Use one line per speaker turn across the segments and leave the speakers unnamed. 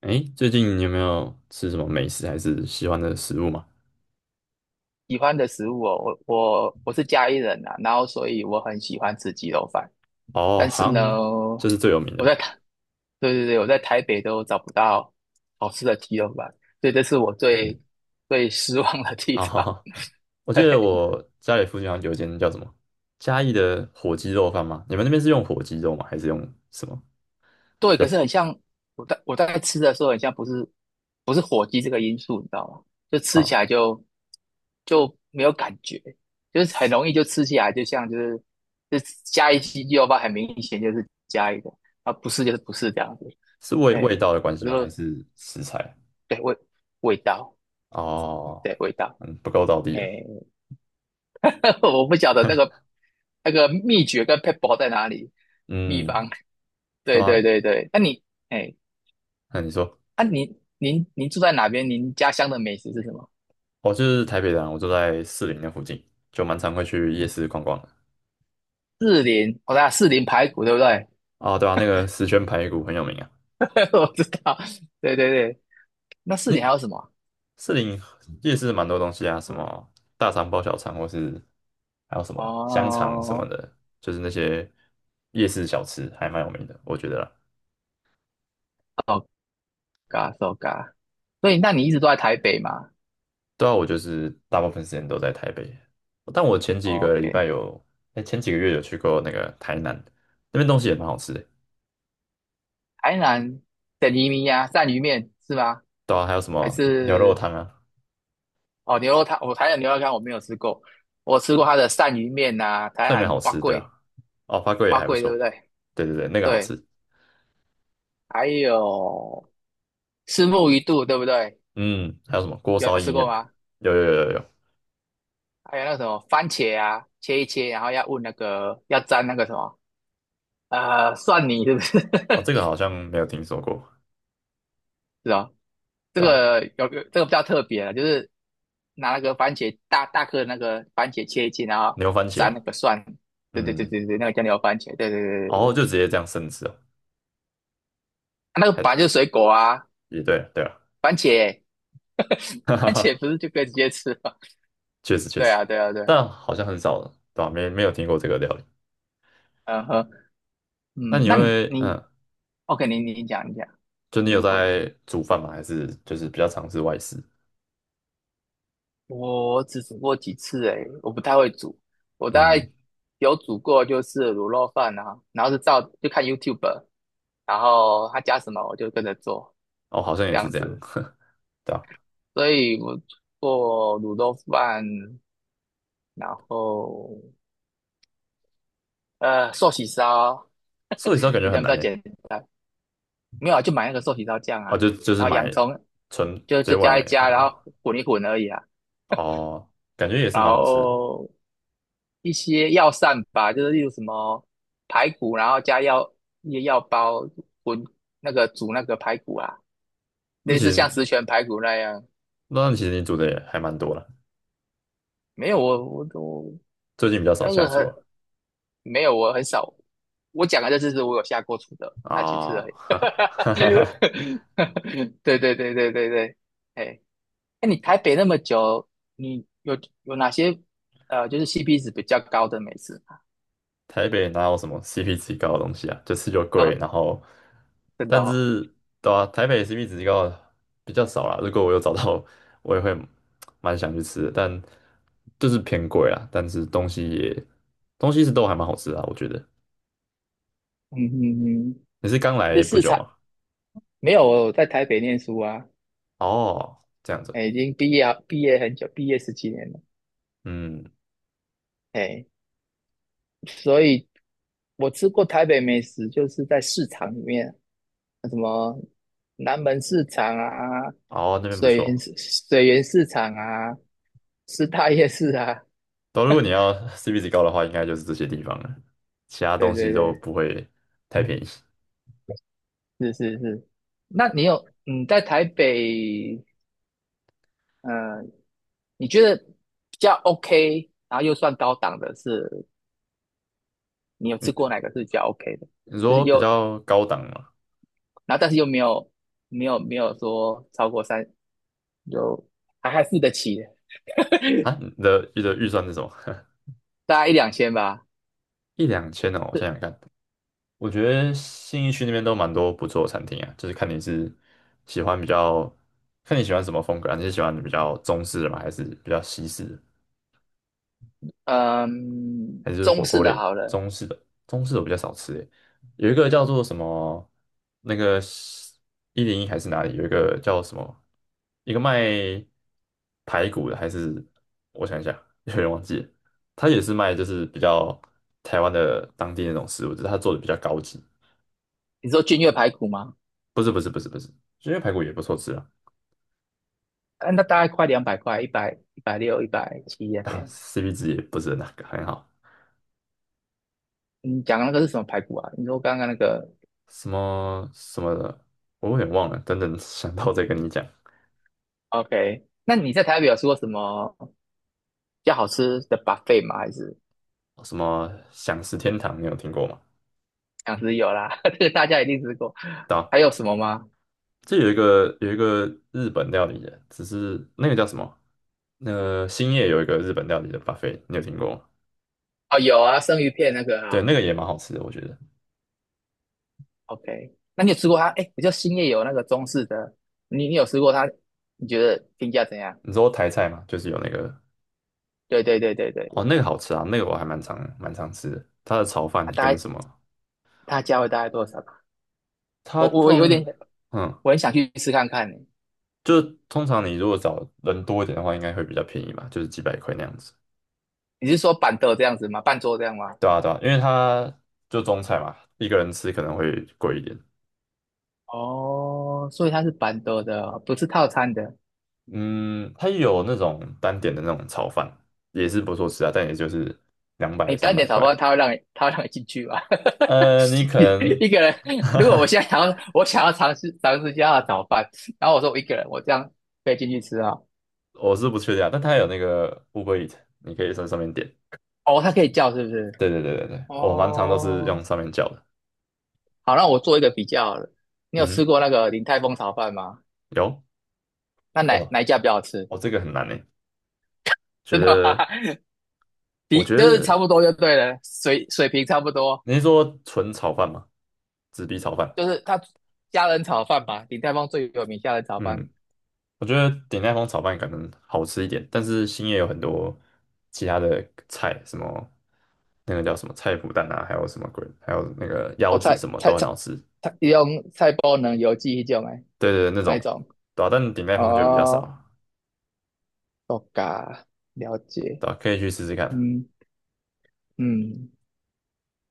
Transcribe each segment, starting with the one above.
哎，最近你有没有吃什么美食还是喜欢的食物嘛？
喜欢的食物哦，我是嘉义人啊，然后所以我很喜欢吃鸡肉饭，
哦，
但
好
是呢，
像就是最有名的
我在
吧。
台，对对对，我在台北都找不到好吃的鸡肉饭，所以这是我最失望的地
啊哈
方。
哈、我 记得
对，
我家里附近好像有一间叫什么嘉义的火鸡肉饭吗？你们那边是用火鸡肉吗？还是用什么
对，
比较
可是很像我在吃的时候，很像不是火鸡这个因素，你知道吗？就吃起
啊？
来就没有感觉，就是很容易就吃起来，就像就是就加一鸡肉吧，很明显就是加一个，啊不是就是不是这样子，
是味
哎，
味道的关系
我就
吗？还是食材？
对味道，
哦，
对味道，
嗯，不够到地
哎，
啊。
我不晓得那个秘诀跟 p e b b l 在哪里，秘
嗯，
方，
对
对对
啊。
对对，哎
那你说，
啊，您住在哪边？您家乡的美食是什么？
我就是台北人啊，我住在士林那附近，就蛮常会去夜市逛逛的。
四林，我看四林排骨对不对？
啊。对啊，那个石全排骨很有名啊。
我知道，对对对。那四林还
你
有什么？
士林夜市蛮多东西啊，什么大肠包小肠，或是还有什么香肠什么
哦
的，就是那些夜市小吃还蛮有名的，我觉得啦。
，so ga s 所以，那你一直都在台北吗
对啊，我就是大部分时间都在台北，但我前几个礼拜
？OK，
有，哎，前几个月有去过那个台南，那边东西也蛮好吃的。
台南的移民呀，鳝鱼面是吗？
对啊，还有什
还
么牛肉
是
汤啊，
哦牛肉汤？我台南牛肉汤我没有吃过，我吃过它的鳝鱼面呐、台
这里面
南
好
蛙
吃，对啊。
贵，
哦，花贵也
蛙
还不
贵对不
错，
对？
对对对，那个好
对，
吃。
还有虱目鱼肚对不对？
嗯，还有什么锅
有
烧意
吃过
面？
吗？
有有有有有，
还有那个什么番茄啊，切一切，然后要问那个要沾那个什么蒜泥，是不是？
哦，这个好像没有听说过。
是哦，这
对啊，
个有这个比较特别了，就是拿那个番茄大大颗的那个番茄切一切，然后
牛番茄
沾那
啊，
个蒜，对对对
嗯，
对对，那个叫牛番茄，对对对对
后
对，
就直接这样生吃哦，
啊那个
还
本来就是水果啊，
也对了对了，
番茄
哈哈
番茄
哈，
不是就可以直接吃吗？
确实 确
对
实，
啊对啊对啊
但好像很少了，对吧？没有听过这个料理。
嗯哼
那你
那你
会，
你
嗯，
OK，你讲一讲，
就你
你
有
问，
在煮饭吗？还是就是比较尝试外食？
我只煮过几次诶，我不太会煮。我大
嗯，
概有煮过就是卤肉饭啊，然后是照就看 YouTube，然后他加什么我就跟着做
哦，好像
这
也是
样
这样，
子。
对吧？
所以我做卤肉饭，然后寿喜烧，
寿喜烧感觉
你这
很
样比
难
较
诶，
简单。没有啊，就买那个寿喜烧酱
哦，
啊，
就就是
然后洋
买
葱
纯
就
嘴
就加
外
一加，然后
啊，
混一混而已啊。
哦，感觉也是
然
蛮好吃的。
后一些药膳吧，就是例如什么排骨，然后加药一些药包滚那个煮那个排骨啊，
那
类
其
似
实
像十全排骨那样。
那其实你煮的也还蛮多了，
没有我我我
最近比较少
那
下
个
厨啊，
很没有我很少，我讲的这次是我有下过厨的那几次
啊，
而已。
哈哈哈哈。
对对对对对对，哎，那你台北那么久，你有哪些就是 CP 值比较高的美食？
台北哪有什么 CP 值高的东西啊？就吃就贵，然
呃
后，
真的
但
哦，
是对啊，台北 CP 值高的比较少啦。如果我有找到，我也会蛮想去吃的，但就是偏贵啊。但是东西也东西是都还蛮好吃的啊，我觉得。
嗯嗯嗯，
你是刚
这
来不
市
久
场。
吗？
没有，我在台北念书啊，
哦，这样子，
哎，已经毕业啊，毕业很久，毕业十几年了，
嗯，
哎，所以我吃过台北美食，就是在市场里面，什么南门市场啊，
哦，那边不
水源
错。
市水源市场啊，师大夜市啊，
都如果你要 CP 值高的话，应该就是这些地方了，其他
对
东西
对
都
对，
不会太便宜。
是是是。那你有在台北，呃，你觉得比较 OK，然后又算高档的是，你有吃
嗯，
过哪个是比较 OK 的？
你
就是
说比
又
较高档嘛？
然后但是又没有说超过三，就还付得起，
啊，你的预算是什么？
大概一两千吧。
一两千哦，我想
是
想看，我觉得信义区那边都蛮多不错的餐厅啊，就是看你是喜欢比较，看你喜欢什么风格啊，你是喜欢比较中式的吗，还是比较西式的？
嗯，
还是
中
火
式
锅
的
类，
好了，
中式的，中式的我比较少吃诶。有一个叫做什么，那个一零一还是哪里，有一个叫什么，一个卖排骨的，还是我想一下，有点忘记了。他也是卖就是比较台湾的当地那种食物，只是他做的比较高级。
你说君越排骨吗？
不是，因为排骨也不错吃啊，
啊那大概快200块，一百六、170那
啊
边。
CP 值也不是那个很好。
你讲的那个是什么排骨啊？你说刚刚那个
什么什么的，我有点忘了，等等想到再跟你讲。
，OK？那你在台北有吃过什么比较好吃的 buffet 吗？还是
什么享食天堂，你有听过吗？
想吃有啦，这个大家一定吃过。
对啊，
还有什么吗？
这有一个日本料理的，只是那个叫什么？那个兴业有一个日本料理的 buffet，你有听过吗？
哦，有啊，生鱼片那个
对，
啊，
那个也蛮好吃的，我觉得。
OK，那你有吃过它？哎，知道兴业有那个中式的，你你有吃过它？你觉得评价怎样？
你说台菜嘛，就是有那个
对对对对对，
哦，那个好吃啊，那个我还蛮常吃的。它的炒饭
它大
跟
概
什么？
它价位大概多少吧
它
我我我有点
通嗯，
我很想去吃看看呢。
就是通常你如果找人多一点的话，应该会比较便宜嘛，就是几百块那样子。
你是说板凳这样子吗？半桌这样吗？
对啊，对啊，因为它就中菜嘛，一个人吃可能会贵一点。
哦，所以它是板凳的，不是套餐的。
嗯，它有那种单点的那种炒饭，也是不错吃啊，但也就是两百
你
三
单
百
点炒
块。
饭，它会让你进去吗？
呃，你 可能，
一个人，如果我 现在想要尝试尝试一下它的炒饭，然后我说我一个人，我这样可以进去吃啊？
我是不确定啊，但它有那个 Uber Eat，你可以在上面点。
哦，它可以叫是不是？
对对对对对，我蛮常都是用
哦，
上面叫的。
好，那我做一个比较好了你有吃
嗯，
过那个鼎泰丰炒饭吗？
有
那哪
哦，
哪一家比较好吃？
哦，这个很难呢，觉
真的吗？
得，我
比
觉
就是差
得
不多就对了，水平差不多。
你是说纯炒饭吗？纸皮炒饭？
就是它虾仁炒饭吧，鼎泰丰最有名虾仁炒饭。
嗯，我觉得鼎泰丰炒饭可能好吃一点，但是兴业有很多其他的菜，什么那个叫什么菜脯蛋啊，还有什么鬼，还有那个腰
哦，
子
菜
什么
菜
都很
菜
好吃。
菜，用菜包能油记一种诶，
对对对，那
哪一
种
种？
对啊，但鼎泰丰就比较少
哦，
啊，
哦嘎，了解。
对啊，可以去试试看。
嗯嗯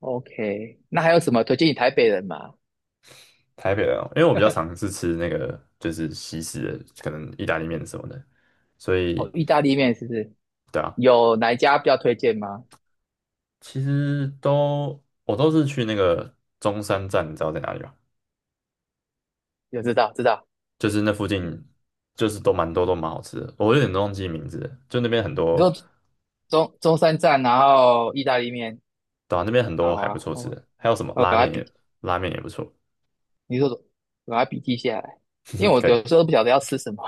，OK。那还有什么推荐你台北人吗？
台北的哦因为我比较常是吃那个就是西式的，可能意大利面什么的，所
哦，
以
意大利面是不是？
对啊，
有哪一家比较推荐吗？
其实我都是去那个中山站，你知道在哪里吗？
有知道知道。
就是那附近就是都蛮多都蛮好吃的，我有点忘记名字了，就那边很
你
多，
说中山站，然后意大利面，
对啊，那边很
好
多还不
啊，
错吃
我
的，还有什么
我
拉
赶快
面也
笔，
拉面也不错，
你说赶快笔记下来，因
嗯，
为我
可以
有时候都不晓得要吃什么，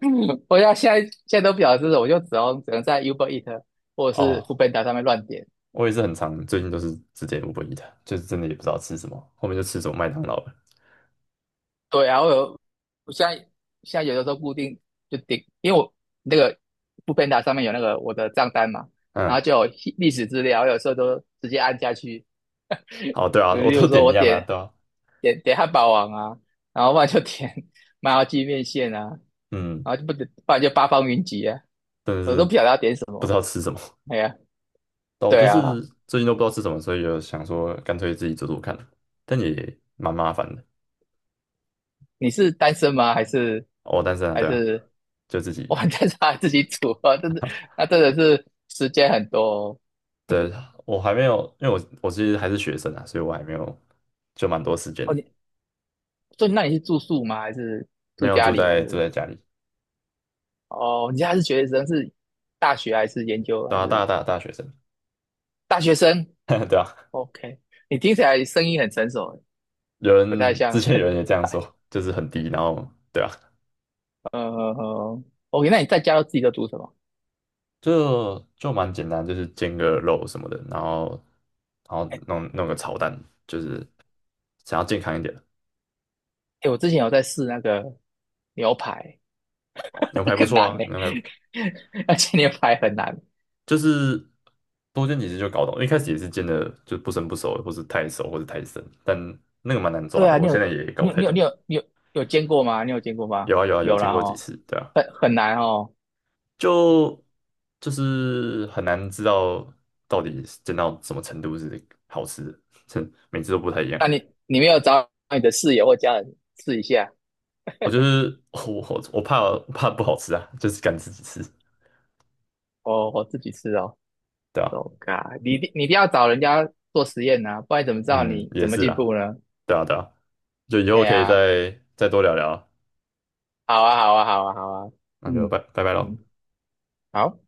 我要现在都不晓得吃什么，我就只能在 Uber Eat 或者是
哦，
Foodpanda 上面乱点。
我也是很常最近都是直接五 b 一的，就是真的也不知道吃什么，后面就吃什么麦当劳了，
对啊，我现在有的时候固定就点，因为我那个 Foodpanda 上面有那个我的账单嘛，然后
嗯，
就有历史资料，我有时候都直接按下去，
好，对啊，我
例
都
如说
点一
我
样啊，
点
对啊，
点点汉堡王啊，然后不然就点 麻辣鸡面线啊，然
嗯，
后就不点，不然就八方云集啊，
真的
我
是
都不晓得要点什
不知
么。
道吃什么，
哎呀，
但我
对
就
啊，
是最近都不知道吃什么，所以就想说干脆自己做做看，但也蛮麻烦的，
你是单身吗？还是
哦，但是啊，
还
对啊，
是
就自己
哇？但是他自己煮啊，真的，那真的是时间很多哦。
对，我还没有，因为我其实还是学生啊，所以我还没有就蛮多时间
哦
的，
你所以那你是住宿吗？还是
没
住
有
家
住
里？还
在住在
是
家里，
哦？你现在是学生，是大学还是研究
对
还
啊，大
是
大大学生，
大学生
对啊，
？OK，你听起来声音很成熟欸。
有
不太
人之
像。
前有 人也这样说，就是很低，然后对啊，
呃呃呃，OK，那你在家都自己都煮什么？
就蛮简单，就是煎个肉什么的，然后然后弄个炒蛋，就是想要健康一点
哎，我之前有在试那个牛排，
哦，牛排 不
很
错
难
啊，
呢、
牛排
而且牛排很难。
就是多煎几次就搞懂，一开始也是煎的就不生不熟，或是太熟或是太生，但那个蛮难抓
对
的，
啊，
我
你有
现在也搞
你
不
有
太
你有
懂。
你有你有有煎过吗？你有煎过吗？
有啊有啊有
有了
见过几
哦，
次，对啊，
很难哦。
就就是很难知道到底是煎到什么程度是好吃的，这每次都不太一样。
那你你没有找你的室友或家人试一下？
我就是我怕不好吃啊，就是敢自己吃，
哦，我自己试哦。
对啊，
Oh God，你一定要找人家做实验呐、啊不然怎么知道
嗯，
你
也
怎么
是
进
啦，
步呢？
对啊对啊，就以
哎
后可以
呀、
再多聊聊啊，
好啊，好啊，好啊，好啊，
那就
嗯，
拜拜喽。
嗯好。